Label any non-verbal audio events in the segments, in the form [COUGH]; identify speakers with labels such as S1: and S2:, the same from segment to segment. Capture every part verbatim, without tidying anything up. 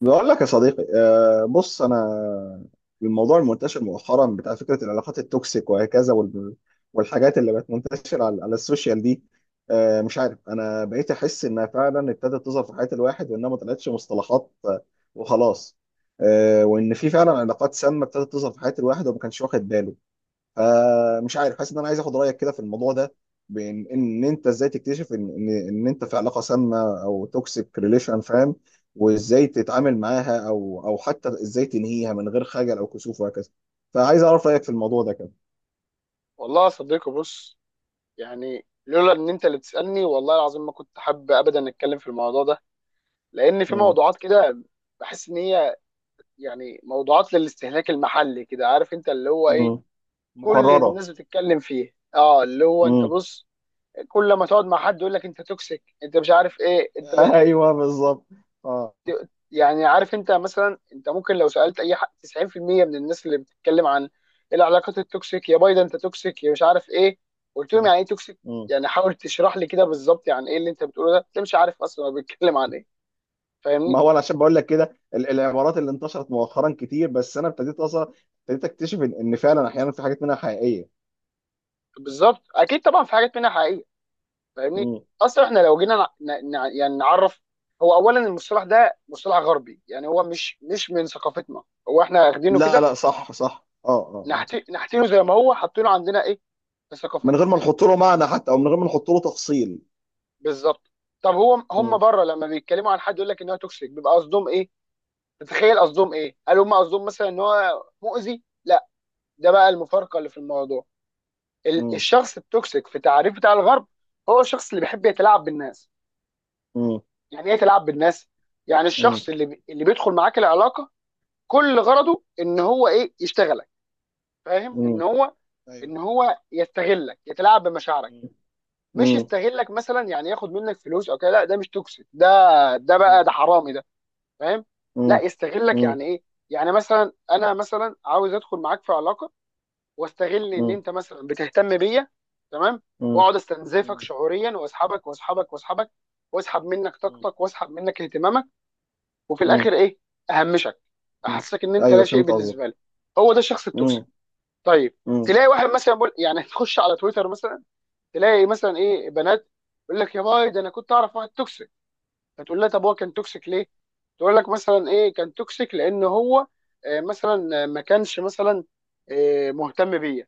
S1: بقول لك يا صديقي، آه، بص انا الموضوع المنتشر مؤخرا بتاع فكره العلاقات التوكسيك وهكذا وال- والحاجات اللي بقت منتشره على على السوشيال دي. آه، مش عارف، انا بقيت احس انها فعلا ابتدت تظهر في حياه الواحد وانها ما طلعتش مصطلحات آه، وخلاص، آه، وان في فعلا علاقات سامه ابتدت تظهر في حياه الواحد وما كانش واخد باله. آه مش عارف، حاسس ان انا عايز اخد رايك كده في الموضوع ده، بان ان انت ازاي تكتشف ان ان ان انت في علاقه سامه او توكسيك ريليشن، فاهم؟ وازاي تتعامل معاها او او حتى ازاي تنهيها من غير خجل او كسوف وهكذا. فعايز اعرف رايك في الموضوع ده كده.
S2: والله يا صديقي، بص. يعني لولا ان انت اللي بتسالني والله العظيم ما كنت حابب ابدا اتكلم في الموضوع ده. لان في
S1: مم.
S2: موضوعات كده بحس ان هي يعني موضوعات للاستهلاك المحلي كده، عارف انت اللي هو ايه.
S1: مم.
S2: كل
S1: مكرره.
S2: الناس بتتكلم فيه، اه، اللي هو انت
S1: مم.
S2: بص، كل ما تقعد مع حد يقول لك انت توكسيك، انت مش عارف ايه، انت
S1: [LAUGHS] ايوه بالظبط. اه.
S2: ت- يعني عارف انت مثلا، انت ممكن لو سالت اي حد تسعين في المية من الناس اللي بتتكلم عن العلاقات التوكسيك يا بايدن انت توكسيك يا مش عارف ايه، قلت لهم
S1: مم.
S2: يعني ايه توكسيك؟
S1: مم.
S2: يعني حاول تشرح لي كده بالظبط، يعني ايه اللي انت بتقوله ده؟ انت مش عارف اصلا هو بيتكلم عن ايه.
S1: ما
S2: فاهمني؟
S1: هو انا عشان بقول لك كده، ال- العبارات اللي انتشرت مؤخرا كتير، بس انا ابتديت اصلا ابتديت اكتشف ان إن فعلا احيانا في حاجات منها حقيقيه.
S2: بالظبط، اكيد طبعا في حاجات منها حقيقيه. فاهمني؟ اصلا احنا لو جينا نع- نع- يعني نعرف، هو اولا المصطلح ده مصطلح غربي، يعني هو مش مش من ثقافتنا. هو احنا واخدينه
S1: لا
S2: كده،
S1: لا، صح صح، اه اه اه.
S2: نحت- نحتينه زي ما هو، حاطينه عندنا ايه في
S1: من غير
S2: ثقافتنا.
S1: ما نحط له معنى حتى او من غير ما نحط له تفصيل.
S2: بالظبط. طب هو هم
S1: مم.
S2: بره لما بيتكلموا عن حد يقول لك ان هو توكسيك بيبقى قصدهم ايه؟ تتخيل قصدهم ايه؟ هل هم قصدهم مثلا ان هو مؤذي؟ لا. ده بقى المفارقه اللي في الموضوع. ال-
S1: مم.
S2: الشخص التوكسيك في تعريف بتاع الغرب هو الشخص اللي بيحب يتلاعب بالناس.
S1: مم.
S2: يعني ايه يتلاعب بالناس؟ يعني
S1: مم.
S2: الشخص اللي بي- اللي بيدخل معاك العلاقه كل غرضه ان هو ايه؟ يشتغلك. فاهم؟ ان
S1: مم.
S2: هو
S1: ايوه.
S2: ان هو يستغلك، يتلاعب بمشاعرك.
S1: مم.
S2: مش
S1: مم.
S2: يستغلك مثلا يعني ياخد منك فلوس او كده، لا ده مش توكسيك ده، ده
S1: مم.
S2: بقى ده حرامي ده. فاهم؟ لا
S1: مم.
S2: يستغلك
S1: مم.
S2: يعني ايه. يعني مثلا انا مثلا عاوز ادخل معاك في علاقه واستغل ان انت مثلا بتهتم بيا، تمام،
S1: مم.
S2: واقعد استنزفك
S1: مم.
S2: شعوريا واسحبك واسحبك واسحبك، واسحب منك طاقتك واسحب منك اهتمامك، وفي
S1: مم.
S2: الاخر ايه؟ اهمشك،
S1: مم.
S2: احسسك ان انت لا
S1: ايوه
S2: شيء
S1: فهمت قصدك.
S2: بالنسبه لي. هو ده الشخص التوكسيك.
S1: مم.
S2: طيب.
S1: مم.
S2: تلاقي واحد مثلا بقول يعني تخش على تويتر مثلا، تلاقي مثلا ايه بنات يقول لك يا باي، ده انا كنت اعرف واحد توكسيك. فتقول لها طب هو كان توكسيك ليه؟ تقول لك مثلا ايه، كان توكسيك لان هو آه، مثلا آه، ما كانش مثلا آه، مهتم بيا.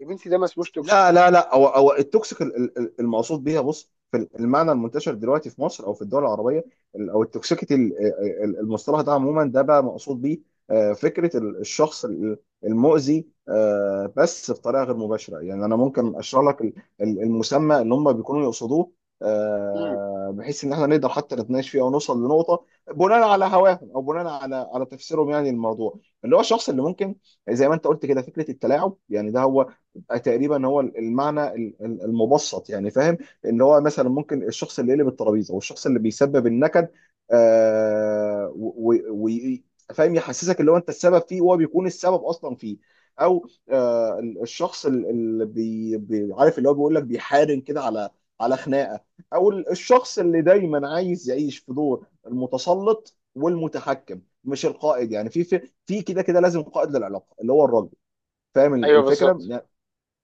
S2: يا بنتي ده ما اسموش توكسيك.
S1: لا لا لا، هو هو التوكسيك ال- ال- ال- المقصود بيها، بص، في المعنى المنتشر دلوقتي في مصر او في الدول العربيه، ال- او التوكسيكيتي ال- آه، آه، ال- المصطلح ده عموما ده بقى مقصود بيه آه، فكره ال- الشخص ال- المؤذي، آه، بس بطريقه غير مباشره. يعني انا ممكن اشرح لك ال- ال- المسمى اللي هم بيكونوا يقصدوه،
S2: امم.
S1: آه، بحيث ان احنا نقدر حتى نتناقش فيه او نوصل لنقطه بناء على هواهم او بناء على على تفسيرهم. يعني الموضوع، اللي هو الشخص اللي ممكن، زي ما انت قلت كده، فكره التلاعب، يعني ده هو آه، تقريبا هو المعنى ال- ال- المبسط، يعني فاهم؟ ان هو مثلا ممكن الشخص اللي يقلب الترابيزه والشخص اللي بيسبب النكد آه و- و- و- فاهم، يحسسك اللي هو انت السبب فيه وهو بيكون السبب اصلا فيه، او آه الشخص ال- اللي بي بي- عارف، اللي هو بيقول لك بيحارن كده على على خناقه، او ال- الشخص اللي دايما عايز يعيش في دور المتسلط والمتحكم، مش القائد. يعني في في في كده كده لازم قائد للعلاقه اللي هو الراجل، فاهم
S2: ايوه،
S1: الفكره؟
S2: بالظبط.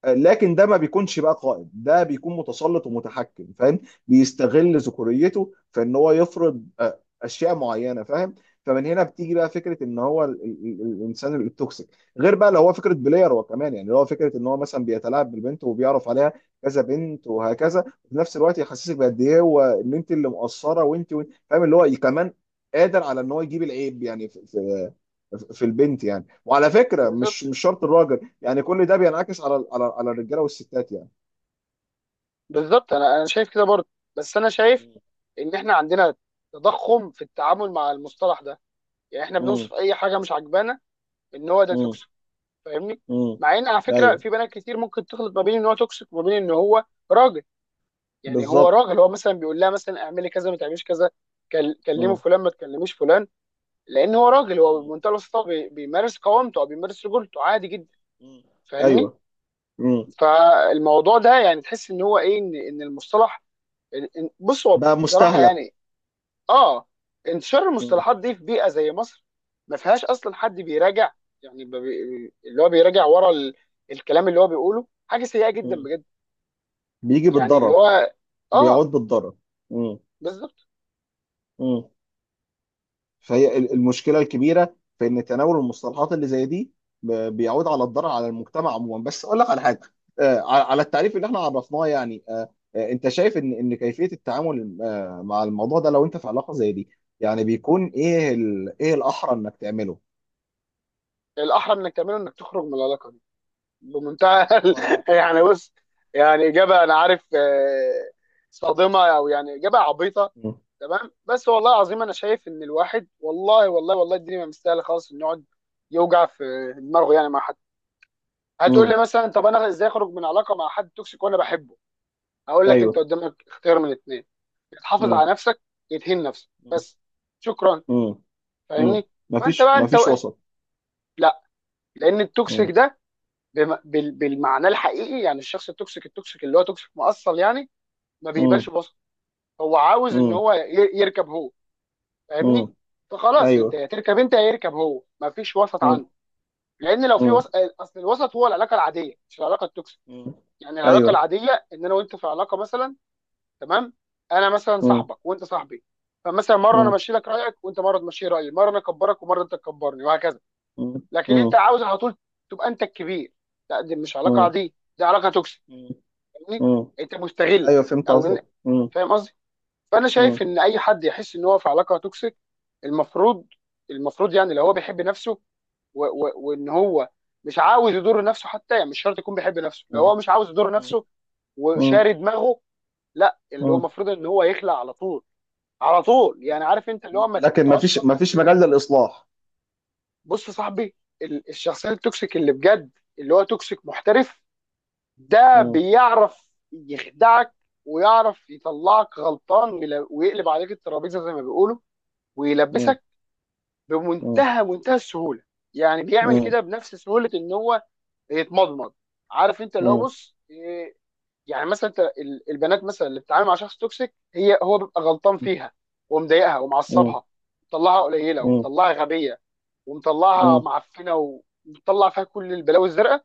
S1: لكن ده ما بيكونش بقى قائد، ده بيكون متسلط ومتحكم، فاهم؟ بيستغل ذكوريته في ان هو يفرض آه، اشياء معينه، فاهم؟ فمن هنا بتيجي بقى فكره ان هو ال- ال- ال- الانسان التوكسيك. غير بقى لو هو فكره بلاير هو كمان، يعني لو هو فكره ان هو مثلا بيتلاعب بالبنت وبيعرف عليها كذا بنت وهكذا، في نفس الوقت يحسسك بقد ايه هو ان انت اللي مقصره، وانت وإنت- فاهم، اللي هو كمان قادر على ان هو يجيب العيب يعني في البنت. يعني وعلى فكره،
S2: بالظبط،
S1: مش مش شرط الراجل، يعني كل ده بينعكس على على على الرجاله والستات يعني.
S2: بالظبط، انا انا شايف كده برضه. بس انا شايف ان احنا عندنا تضخم في التعامل مع المصطلح ده، يعني احنا
S1: امم.
S2: بنوصف اي حاجه مش عاجبانا ان هو ده
S1: امم.
S2: توكسيك. فاهمني؟
S1: امم.
S2: مع ان على فكره
S1: ايوه
S2: في بنات كتير ممكن تخلط ما بين ان هو توكسيك وما بين ان هو راجل. يعني هو
S1: بالظبط.
S2: راجل، هو مثلا بيقول لها مثلا اعملي كذا ما تعمليش كذا، كل- كلمي
S1: امم.
S2: فلان ما تكلميش فلان، لان هو راجل. هو بمنتهى البساطه بي- بيمارس قوامته او بيمارس رجولته عادي جدا. فاهمني؟
S1: ايوه. امم.
S2: فالموضوع ده يعني تحس ان هو ايه، ان ان المصطلح إن- إن- بص، هو
S1: بقى
S2: بصراحه
S1: مستهلك.
S2: يعني اه، انتشار المصطلحات دي في بيئه زي مصر ما فيهاش اصلا حد بيراجع. يعني ب- بي- اللي هو بيراجع ورا ال- الكلام اللي هو بيقوله، حاجه سيئه جدا
S1: امم.
S2: بجد.
S1: بيجي
S2: يعني اللي
S1: بالضرر.
S2: هو اه،
S1: بيعود بالضرر. امم.
S2: بالظبط.
S1: فهي ال- المشكله الكبيره في ان تناول المصطلحات اللي زي دي ب- بيعود على الضرر على المجتمع عموما. بس اقول لك على حاجه، آه، ع- على التعريف اللي احنا عرفناه يعني، آه، آه، انت شايف ان ان كيفيه التعامل آه، مع الموضوع ده لو انت في علاقه زي دي، يعني بيكون ايه، ال- ايه الاحرى انك تعمله؟
S2: الاحرى انك تعمله انك تخرج من العلاقه دي بمنتهى
S1: طيب.
S2: [LAUGHS] يعني بص، يعني اجابه انا عارف آه، صادمه او يعني اجابه عبيطه.
S1: مم.
S2: تمام، بس والله العظيم انا شايف ان الواحد والله والله والله الدنيا ما مستاهله خالص انه يقعد يوجع في دماغه يعني مع حد. هتقول
S1: مم.
S2: لي مثلا طب انا ازاي اخرج من علاقه مع حد توكسيك وانا بحبه؟ هقول لك انت
S1: ايوه.
S2: قدامك اختيار من الاثنين. يا تحافظ
S1: مم.
S2: على نفسك، يدهن نفسك
S1: مم.
S2: بس، شكرا.
S1: مم. مم.
S2: فاهمني؟ فانت
S1: مفيش
S2: بقى انت و...
S1: مفيش وسط.
S2: لا. لان التوكسيك
S1: مم.
S2: ده بم... بال... بالمعنى الحقيقي، يعني الشخص التوكسيك التوكسيك اللي هو توكسيك مؤصل يعني ما
S1: مم.
S2: بيقبلش بوسط. هو عاوز ان
S1: مم.
S2: هو ي- يركب هو. فاهمني؟
S1: مم.
S2: فخلاص، انت
S1: ايوه.
S2: يا تركب انت يا يركب هو، ما فيش وسط
S1: مم.
S2: عنده. لان لو في
S1: مم.
S2: وسط، اصل الوسط هو العلاقه العاديه مش العلاقه التوكسيك.
S1: مم.
S2: يعني العلاقه
S1: ايوه.
S2: العاديه ان انا وانت في علاقه مثلا، تمام. انا مثلا
S1: مم.
S2: صاحبك وانت صاحبي. فمثلا مره انا
S1: مم.
S2: امشي لك رايك وانت مره تمشي رايي، مره انا اكبرك ومره انت تكبرني وهكذا. لكن انت
S1: مم.
S2: عاوز على طول تبقى انت الكبير. لا دي مش علاقه
S1: مم.
S2: عاديه، دي علاقه توكسيك.
S1: مم.
S2: فاهمني؟
S1: مم.
S2: انت مستغل.
S1: ايوه فهمت
S2: او إن-
S1: قصدك. مم.
S2: فاهم قصدي. فانا شايف
S1: مم.
S2: ان اي حد يحس ان هو في علاقه توكسيك المفروض، المفروض يعني لو هو بيحب نفسه و... و... وان هو مش عاوز يضر نفسه، حتى يعني مش شرط يكون بيحب نفسه، لو
S1: مم.
S2: هو مش عاوز يضر نفسه
S1: مم.
S2: وشاري دماغه، لا اللي هو
S1: مم.
S2: المفروض ان هو يخلع على طول. على طول يعني عارف انت اللي هو ما ما
S1: لكن ما
S2: تقعدش
S1: فيش ما
S2: تفكر
S1: فيش
S2: كتير.
S1: مجال للاصلاح.
S2: بص يا صاحبي، ال- الشخصيه التوكسيك اللي بجد، اللي هو توكسيك محترف، ده
S1: مم.
S2: بيعرف يخدعك، ويعرف يطلعك غلطان ويل- ويقلب عليك الترابيزه زي ما بيقولوا
S1: مم.
S2: ويلبسك
S1: مم.
S2: بمنتهى منتهى السهوله. يعني بيعمل
S1: مم.
S2: كده بنفس سهوله ان هو يتمضمض. عارف انت اللي هو
S1: مم.
S2: بص إيه، يعني مثلا انت ال- البنات مثلا اللي بتتعامل مع شخص توكسيك هي هو بيبقى غلطان فيها ومضايقها
S1: مم.
S2: ومعصبها ومطلعها قليله
S1: مم.
S2: ومطلعها غبيه ومطلعها
S1: مم.
S2: معفنه ومطلع فيها كل البلاوي الزرقاء،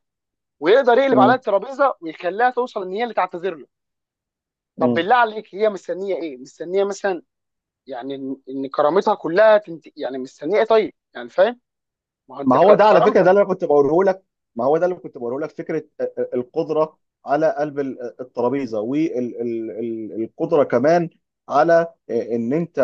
S2: ويقدر يقلب عليها الترابيزه ويخليها توصل ان هي اللي تعتذر له. طب
S1: مم.
S2: بالله عليك هي مستنيه ايه؟ مستنيه مثلا يعني ان إن كرامتها كلها تنت... يعني مستنيه ايه طيب، يعني فاهم. ما هو
S1: ما
S2: انت ك...
S1: هو ده على فكره ده
S2: كرامتك.
S1: اللي انا كنت بقوله لك. ما هو ده اللي كنت بقوله لك، فكره القدره على قلب الترابيزه، والقدره كمان على ان انت،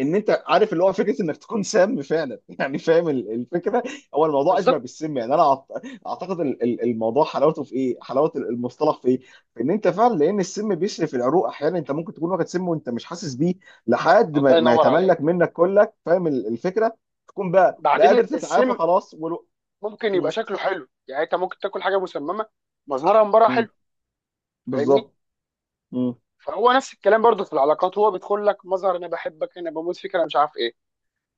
S1: ان انت عارف اللي هو، فكره انك تكون سام فعلا [LAUGHS] يعني فاهم ال- الفكره؟ هو الموضوع اشبه
S2: بالظبط.
S1: بالسم، يعني انا أعت- اعتقد ال- ال- الموضوع حلاوته في ايه، حلاوه المصطلح في ايه، في ان انت فعلا، لان السم بيشرف العروق احيانا، انت ممكن تكون واخد سم وانت مش حاسس بيه لحد
S2: الله
S1: ما ما
S2: ينور عليك.
S1: يتملك منك كلك، فاهم ال- الفكره؟ تكون بقى لا
S2: بعدين
S1: قادر تتعافى،
S2: السم
S1: خلاص ولو...
S2: ممكن
S1: م-
S2: يبقى شكله حلو. يعني انت ممكن تاكل حاجه مسممه مظهرها من بره
S1: م-
S2: حلو. فاهمني؟
S1: بالظبط. م-
S2: فهو نفس الكلام برضو في العلاقات، هو بيدخل لك مظهر انا بحبك انا بموت فيك انا مش عارف ايه،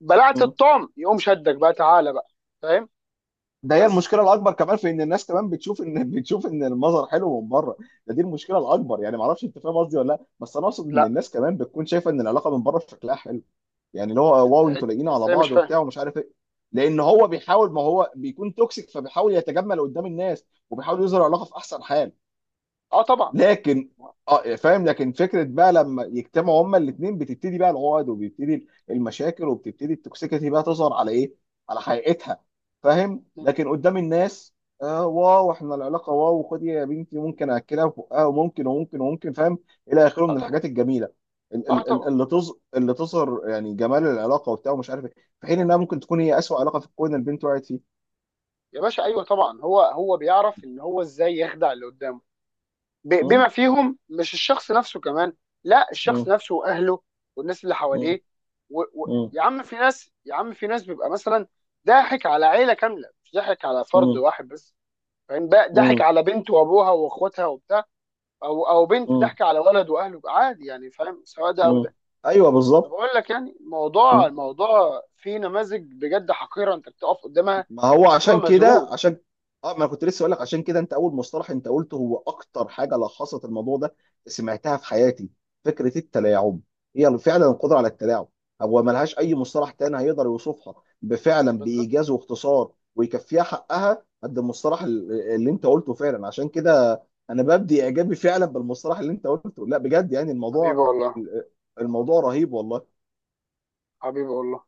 S2: بلعت
S1: م.
S2: الطعم يقوم شدك بقى تعالى بقى. فاهم؟
S1: ده هي
S2: بس
S1: المشكله الاكبر كمان، في ان الناس كمان بتشوف ان [LAUGHS] بتشوف ان المظهر حلو من بره. ده دي المشكله الاكبر، يعني ما اعرفش انت فاهم قصدي ولا لا، بس انا اقصد ان
S2: لا،
S1: الناس كمان بتكون شايفه ان العلاقه من بره شكلها حلو، يعني اللي هو واو انتوا
S2: ازاي
S1: لاقيين على
S2: ازاي مش
S1: بعض
S2: فاهم.
S1: وبتاع ومش عارف ايه، لان هو بيحاول، ما هو بيكون توكسيك فبيحاول يتجمل قدام الناس وبيحاول يظهر علاقه في احسن حال.
S2: اه طبعا.
S1: لكن اه فاهم، لكن فكره بقى لما يجتمعوا هما الاثنين بتبتدي بقى العقد وبيبتدي المشاكل وبتبتدي التوكسيكيتي بقى تظهر على ايه؟ على حقيقتها. فاهم؟ لكن قدام الناس آه واو احنا العلاقه واو، خدي يا بنتي ممكن اكلها في بقها، وممكن وممكن وممكن، فاهم؟ الى اخره
S2: اه
S1: من
S2: طبعا.
S1: الحاجات الجميله ال-
S2: اه
S1: ال- ال-
S2: طبعا.
S1: اللي تظ اللي تظهر يعني جمال العلاقه وبتاع ومش عارف ايه، في حين انها ممكن تكون هي اسوء علاقه في الكون البنت وقعت فيه.
S2: يا باشا، ايوه طبعا. هو هو بيعرف ان هو ازاي يخدع اللي قدامه، ب-
S1: مم.
S2: بما فيهم مش الشخص نفسه كمان، لا، الشخص
S1: مم.
S2: نفسه واهله والناس اللي
S1: مم.
S2: حواليه و... و...
S1: مم.
S2: يا عم في ناس، يا عم في ناس بيبقى مثلا ضاحك على عيله كامله مش ضاحك على فرد واحد بس. فاهم بقى؟ ضاحك
S1: مم.
S2: على بنت وابوها واخواتها وبتاع، او او بنت
S1: مم.
S2: ضاحكه على ولد واهله. عادي يعني، فاهم سواء ده او
S1: مم.
S2: ده.
S1: ايوه
S2: طب
S1: بالظبط.
S2: اقول لك، يعني الموضوع
S1: مم.
S2: الموضوع فيه نماذج بجد حقيره، انت بتقف قدامها
S1: ما هو
S2: بتبقى
S1: عشان كده
S2: مذهول.
S1: عشان اه ما أنا كنت لسه اقول لك عشان كده، انت اول مصطلح انت قلته هو اكتر حاجه لخصت الموضوع ده سمعتها في حياتي، فكره التلاعب. هي فعلا القدره على التلاعب، هو ما لهاش اي مصطلح تاني هيقدر يوصفها بفعلا
S2: بالظبط.
S1: بايجاز واختصار ويكفيها حقها قد المصطلح ال- اللي انت قلته فعلا، عشان كده انا ببدي اعجابي فعلا بالمصطلح اللي انت قلته. لا بجد، يعني
S2: حبيبي
S1: الموضوع،
S2: والله.
S1: الموضوع رهيب والله.
S2: حبيبي والله.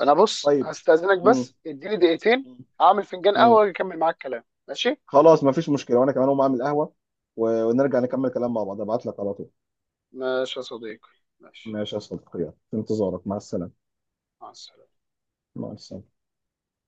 S2: انا بص
S1: طيب.
S2: هستأذنك
S1: مم.
S2: بس، اديني دقيقتين. هعمل فنجان قهوة
S1: مم.
S2: واجي اكمل معاك الكلام، ماشي؟
S1: خلاص مفيش مشكله، وانا كمان هقوم اعمل قهوه و- ونرجع نكمل كلام مع بعض. ابعت لك على طول.
S2: ماشي يا صديقي. ماشي.
S1: ماشي يا صديقي، يلا. في انتظارك، مع السلامه.
S2: مع السلامة.
S1: مع السلامه.